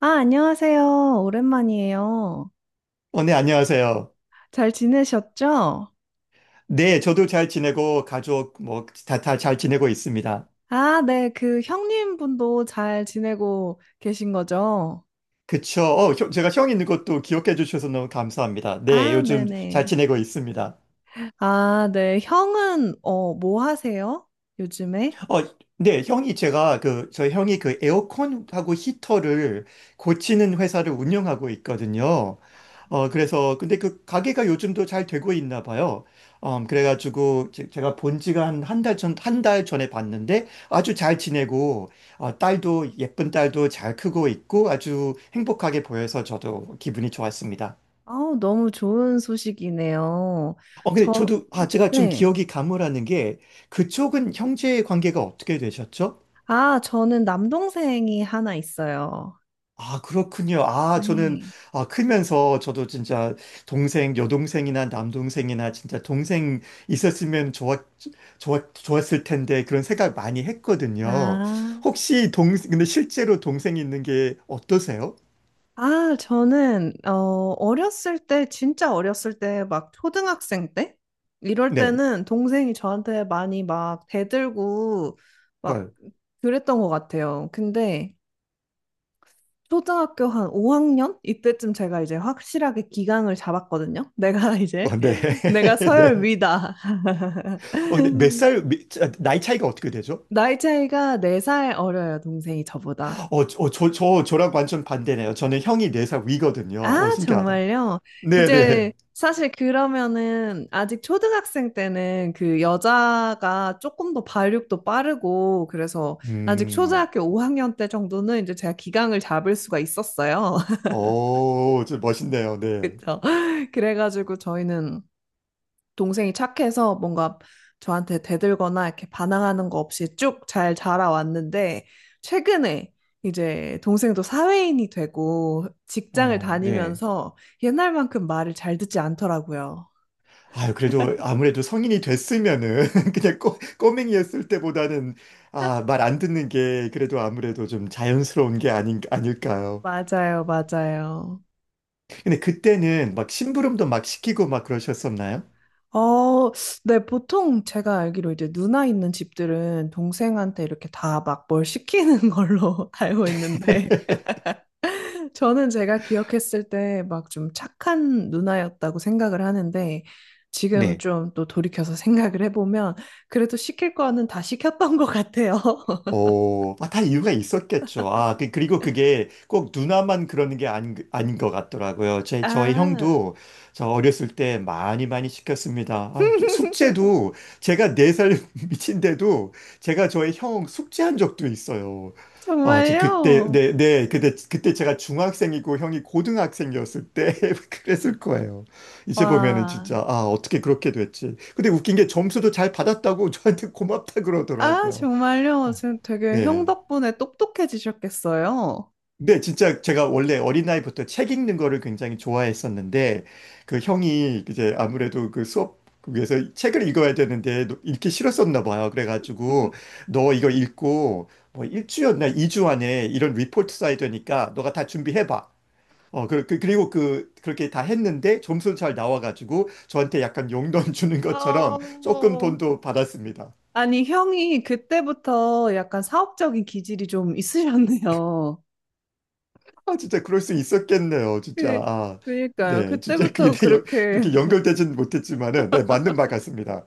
아, 안녕하세요. 오랜만이에요. 네, 안녕하세요. 잘 지내셨죠? 네, 저도 잘 지내고, 가족, 뭐, 다 잘 지내고 있습니다. 아, 네. 그 형님 분도 잘 지내고 계신 거죠? 그쵸. 제가 형 있는 것도 기억해 주셔서 너무 감사합니다. 네, 아, 요즘 잘 네네. 지내고 있습니다. 아, 네. 형은, 뭐 하세요? 요즘에? 어, 네, 형이 그 에어컨하고 히터를 고치는 회사를 운영하고 있거든요. 근데 그 가게가 요즘도 잘 되고 있나 봐요. 그래가지고 제가 본 지가 한 한 달 전에 봤는데 아주 잘 지내고, 딸도, 예쁜 딸도 잘 크고 있고 아주 행복하게 보여서 저도 기분이 좋았습니다. 아우, 너무 좋은 소식이네요. 근데 저, 저도, 제가 좀 네. 기억이 가물하는 게 그쪽은 형제 관계가 어떻게 되셨죠? 아, 저는 남동생이 하나 있어요. 아, 그렇군요. 아, 저는, 네. 아, 크면서 저도 진짜 동생, 여동생이나 남동생이나 진짜 동생 있었으면 좋았을 텐데 그런 생각 많이 했거든요. 아. 근데 실제로 동생이 있는 게 어떠세요? 아, 저는, 어렸을 때, 진짜 어렸을 때, 막 초등학생 때? 이럴 네. 때는 동생이 저한테 많이 막 대들고, 막 헐. 그랬던 것 같아요. 근데 초등학교 한 5학년? 이때쯤 제가 이제 확실하게 기강을 잡았거든요. 내가 이제, 어, 네. 내가 서열 네. 위다. 근데 몇 살, 미- 자, 나이 차이가 어떻게 되죠? 나이 차이가 4살 어려요, 동생이 저보다. 저랑 완전 반대네요. 저는 형이 4살 위거든요. 아, 신기하다. 정말요? 이제 네네. 사실 그러면은 아직 초등학생 때는 그 여자가 조금 더 발육도 빠르고 그래서 아직 음, 초등학교 5학년 때 정도는 이제 제가 기강을 잡을 수가 있었어요. 오, 좀 멋있네요. 네. 그쵸? 그래가지고 저희는 동생이 착해서 뭔가 저한테 대들거나 이렇게 반항하는 거 없이 쭉 잘 자라왔는데, 최근에 이제 동생도 사회인이 되고 직장을 어, 네. 다니면서 옛날만큼 말을 잘 듣지 않더라고요. 그래도 아무래도 성인이 됐으면은 그냥 꼬맹이였을 때보다는 말 안 듣는 게 그래도 아무래도 좀 자연스러운 게 아닐까요? 맞아요, 맞아요. 근데 그때는 막 심부름도 막 시키고 막 그러셨었나요? 어, 네, 보통 제가 알기로 이제 누나 있는 집들은 동생한테 이렇게 다 막 뭘 시키는 걸로 알고 있는데, 저는 제가 기억했을 때 막 좀 착한 누나였다고 생각을 하는데 지금 네. 좀 또 돌이켜서 생각을 해보면 그래도 시킬 거는 다 시켰던 것 같아요. 다 이유가 있었겠죠. 아, 그리고 그게 꼭 누나만 그러는 게 아닌 것 같더라고요. 저의 아, 형도 저 어렸을 때 많이 많이 시켰습니다. 저 숙제도 제가 4살 미친데도 제가 저의 형 숙제한 적도 있어요. 정말요? 네, 네, 그때 제가 중학생이고 형이 고등학생이었을 때 그랬을 거예요. 이제 보면은 와, 진짜, 어떻게 그렇게 됐지. 근데 웃긴 게 점수도 잘 받았다고 저한테 고맙다 아, 그러더라고요. 정말요? 아, 지금 되게 형 네. 덕분에 똑똑해지셨겠어요? 근데 진짜 제가 원래 어린나이부터 책 읽는 거를 굉장히 좋아했었는데, 그 형이 이제 아무래도 그 수업 위해서 책을 읽어야 되는데 읽기 싫었었나 봐요. 그래가지고, 너 이거 읽고 뭐 일주였나 이주 안에 이런 리포트 써야 되니까 너가 다 준비해봐. 그리고 그렇게 다 했는데 점수 잘 나와가지고 저한테 약간 용돈 주는 것처럼 어, 조금 돈도 받았습니다. 아니, 형이 그때부터 약간 사업적인 기질이 좀 있으셨네요. 진짜 그럴 수 있었겠네요, 진짜. 그, 그니까요. 네, 진짜 그게 그때부터 그렇게 이렇게 연결되진 못했지만은, 네, 맞는 말 같습니다.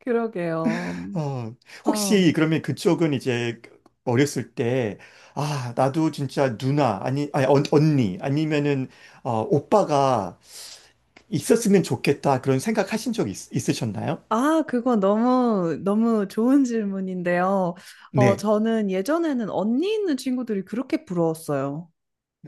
그러게요. 어, 어. 혹시 그러면 그쪽은 이제 어렸을 때, 나도 진짜 누나, 아니, 아니, 언니, 아니면은, 오빠가 있었으면 좋겠다, 그런 생각하신 적 있으셨나요? 아, 그거 너무, 너무 좋은 질문인데요. 네. 저는 예전에는 언니 있는 친구들이 그렇게 부러웠어요.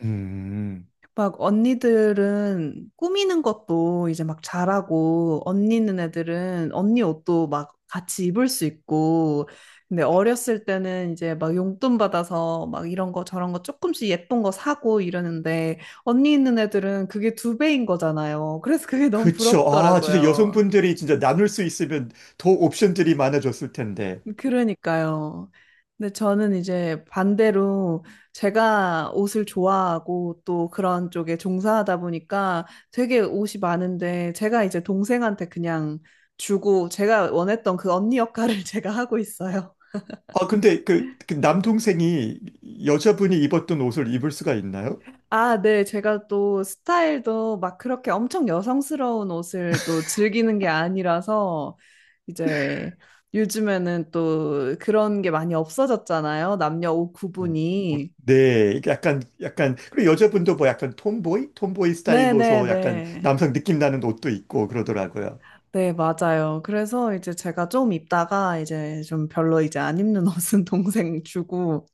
음, 막 언니들은 꾸미는 것도 이제 막 잘하고, 언니 있는 애들은 언니 옷도 막 같이 입을 수 있고, 근데 어렸을 때는 이제 막 용돈 받아서 막 이런 거 저런 거 조금씩 예쁜 거 사고 이러는데, 언니 있는 애들은 그게 두 배인 거잖아요. 그래서 그게 너무 그쵸. 진짜 부럽더라고요. 여성분들이 진짜 나눌 수 있으면 더 옵션들이 많아졌을 텐데. 그러니까요. 근데 저는 이제 반대로 제가 옷을 좋아하고 또 그런 쪽에 종사하다 보니까 되게 옷이 많은데 제가 이제 동생한테 그냥 주고 제가 원했던 그 언니 역할을 제가 하고 있어요. 근데 그 남동생이 여자분이 입었던 옷을 입을 수가 있나요? 아, 네. 제가 또 스타일도 막 그렇게 엄청 여성스러운 옷을 또 즐기는 게 아니라서 이제 요즘에는 또 그런 게 많이 없어졌잖아요. 남녀 옷 음. 어, 구분이. 네, 이게 약간, 그리고 여자분도 뭐 약간 톰보이 스타일로서 약간 네네네. 남성 느낌 나는 옷도 있고 그러더라고요. 네, 맞아요. 그래서 이제 제가 좀 입다가 이제 좀 별로 이제 안 입는 옷은 동생 주고,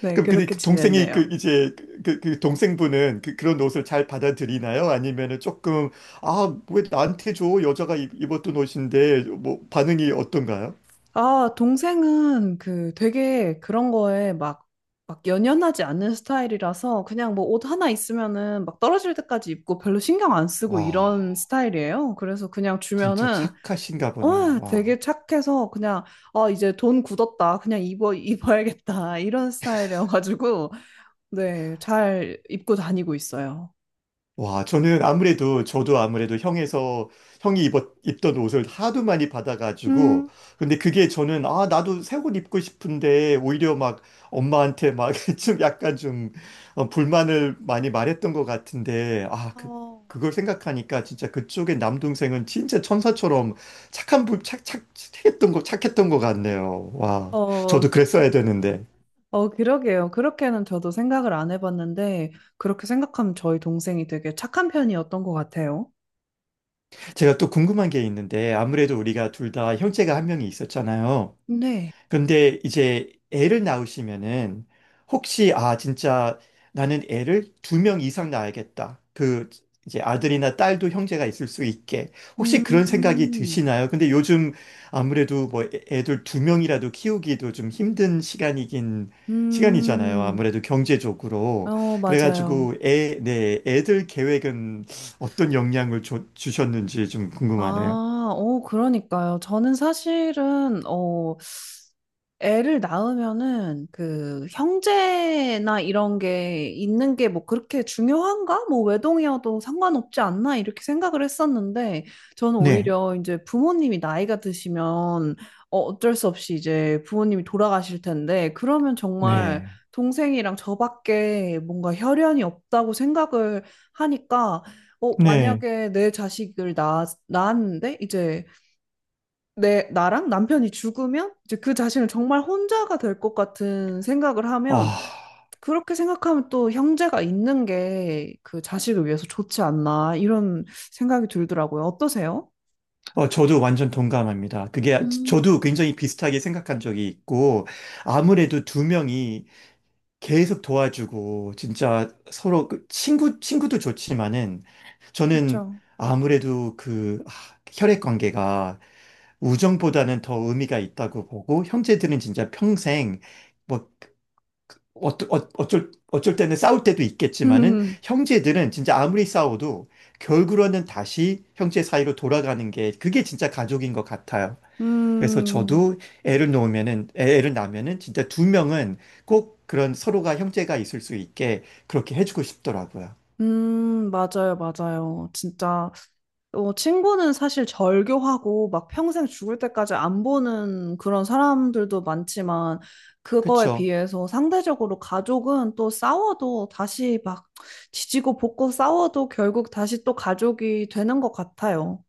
네, 그럼 근데 그렇게 그 동생이 그 지냈네요. 이제 그, 그- 그 동생분은 그런 옷을 잘 받아들이나요? 아니면은 조금, 왜 나한테 줘? 여자가 입었던 옷인데, 뭐 반응이 어떤가요? 아, 동생은 그 되게 그런 거에 막, 막 연연하지 않는 스타일이라서 그냥 뭐 옷 하나 있으면은 막 떨어질 때까지 입고 별로 신경 안 쓰고 와, 이런 스타일이에요. 그래서 그냥 진짜 주면은, 착하신가 보네요. 와. 되게 착해서 그냥, 아, 이제 돈 굳었다. 그냥 입어, 입어야겠다. 이런 스타일이어가지고. 네, 잘 입고 다니고 있어요. 와, 저도 아무래도 형이 입던 옷을 하도 많이 받아가지고, 음, 근데 그게 저는, 나도 새옷 입고 싶은데, 오히려 막 엄마한테 막 좀 약간 불만을 많이 말했던 것 같은데, 어, 그걸 생각하니까 진짜 그쪽의 남동생은 진짜 천사처럼 착한 분, 착, 착, 착했던 거, 착했던 것 같네요. 와, 어, 저도 그랬어야 되는데. 어, 그러게요. 그렇게는 저도 생각을 안 해봤는데, 그렇게 생각하면 저희 동생이 되게 착한 편이었던 것 같아요. 제가 또 궁금한 게 있는데, 아무래도 우리가 둘 다 형제가 한 명이 있었잖아요. 네. 근데 이제 애를 낳으시면은 혹시 진짜 나는 애를 2명 이상 낳아야겠다. 그 이제 아들이나 딸도 형제가 있을 수 있게 혹시 그런 생각이 음, 드시나요? 근데 요즘 아무래도 뭐 애들 두 명이라도 키우기도 좀 힘든 시간이긴 시간이잖아요. 음, 아무래도 경제적으로. 어, 맞아요. 그래가지고 네, 애들 계획은 어떤 영향을 주셨는지 좀 궁금하네요. 아, 그러니까요. 저는 사실은, 애를 낳으면은 그 형제나 이런 게 있는 게 뭐 그렇게 중요한가? 뭐 외동이어도 상관없지 않나? 이렇게 생각을 했었는데 저는 네, 오히려 이제 부모님이 나이가 드시면 어쩔 수 없이 이제 부모님이 돌아가실 텐데 그러면 정말 네, 동생이랑 저밖에 뭔가 혈연이 없다고 생각을 하니까 네. 만약에 내 자식을 낳았는데 이제 내 나랑 남편이 죽으면 이제 그 자신을 정말 혼자가 될 것 같은 생각을 하면 아. 그렇게 생각하면 또 형제가 있는 게 그 자식을 위해서 좋지 않나 이런 생각이 들더라고요. 어떠세요? 저도 완전 동감합니다. 그게, 음. 저도 굉장히 비슷하게 생각한 적이 있고, 아무래도 두 명이 계속 도와주고, 진짜 서로, 친구도 좋지만은, 저는 그렇죠. 아무래도 혈액 관계가 우정보다는 더 의미가 있다고 보고, 형제들은 진짜 평생, 뭐, 어쩔 때는 싸울 때도 있겠지만은 음, 형제들은 진짜 아무리 싸워도 결국은 다시 형제 사이로 돌아가는 게 그게 진짜 가족인 것 같아요. 그래서 음, 저도 애를 낳으면은 진짜 두 명은 꼭 그런 서로가 형제가 있을 수 있게 그렇게 해주고 싶더라고요. 맞아요, 맞아요. 진짜 친구는 사실 절교하고 막 평생 죽을 때까지 안 보는 그런 사람들도 많지만 그거에 그쵸? 비해서 상대적으로 가족은 또 싸워도 다시 막 지지고 볶고 싸워도 결국 다시 또 가족이 되는 것 같아요.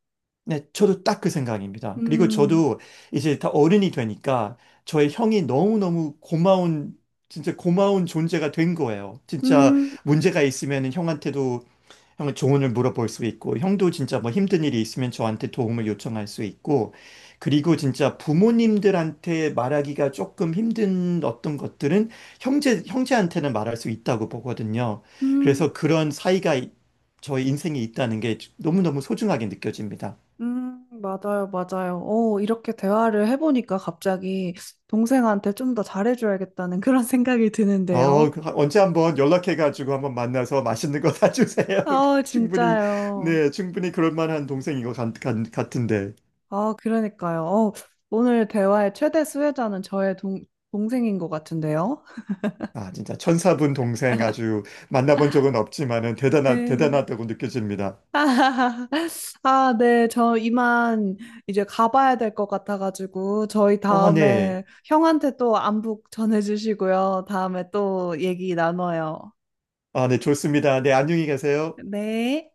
네, 저도 딱 그 생각입니다. 그리고 음, 저도 이제 다 어른이 되니까 저의 형이 너무너무 고마운, 진짜 고마운 존재가 된 거예요. 진짜 음, 문제가 있으면 형한테도 형을 조언을 물어볼 수 있고, 형도 진짜 뭐 힘든 일이 있으면 저한테 도움을 요청할 수 있고, 그리고 진짜 부모님들한테 말하기가 조금 힘든 어떤 것들은 형제한테는 말할 수 있다고 보거든요. 음, 그래서 그런 사이가 저의 인생에 있다는 게 너무너무 소중하게 느껴집니다. 맞아요, 맞아요. 이렇게 대화를 해보니까 갑자기 동생한테 좀 더 잘해줘야겠다는 그런 생각이 드는데요. 언제 한번 연락해가지고 한번 만나서 맛있는 거 사주세요. 아, 충분히, 진짜요. 네, 충분히 그럴 만한 동생인 것 같, 은데 아, 그러니까요. 오늘 대화의 최대 수혜자는 저의 동생인 것 같은데요. 진짜 천사분 동생 아주 만나본 적은 없지만은 네. 대단하다고 느껴집니다. 아, 네. 저 이만 이제 가봐야 될 것 같아가지고, 저희 아, 네. 다음에 형한테 또 안부 전해주시고요. 다음에 또 얘기 나눠요. 네, 좋습니다. 네, 안녕히 계세요. 네.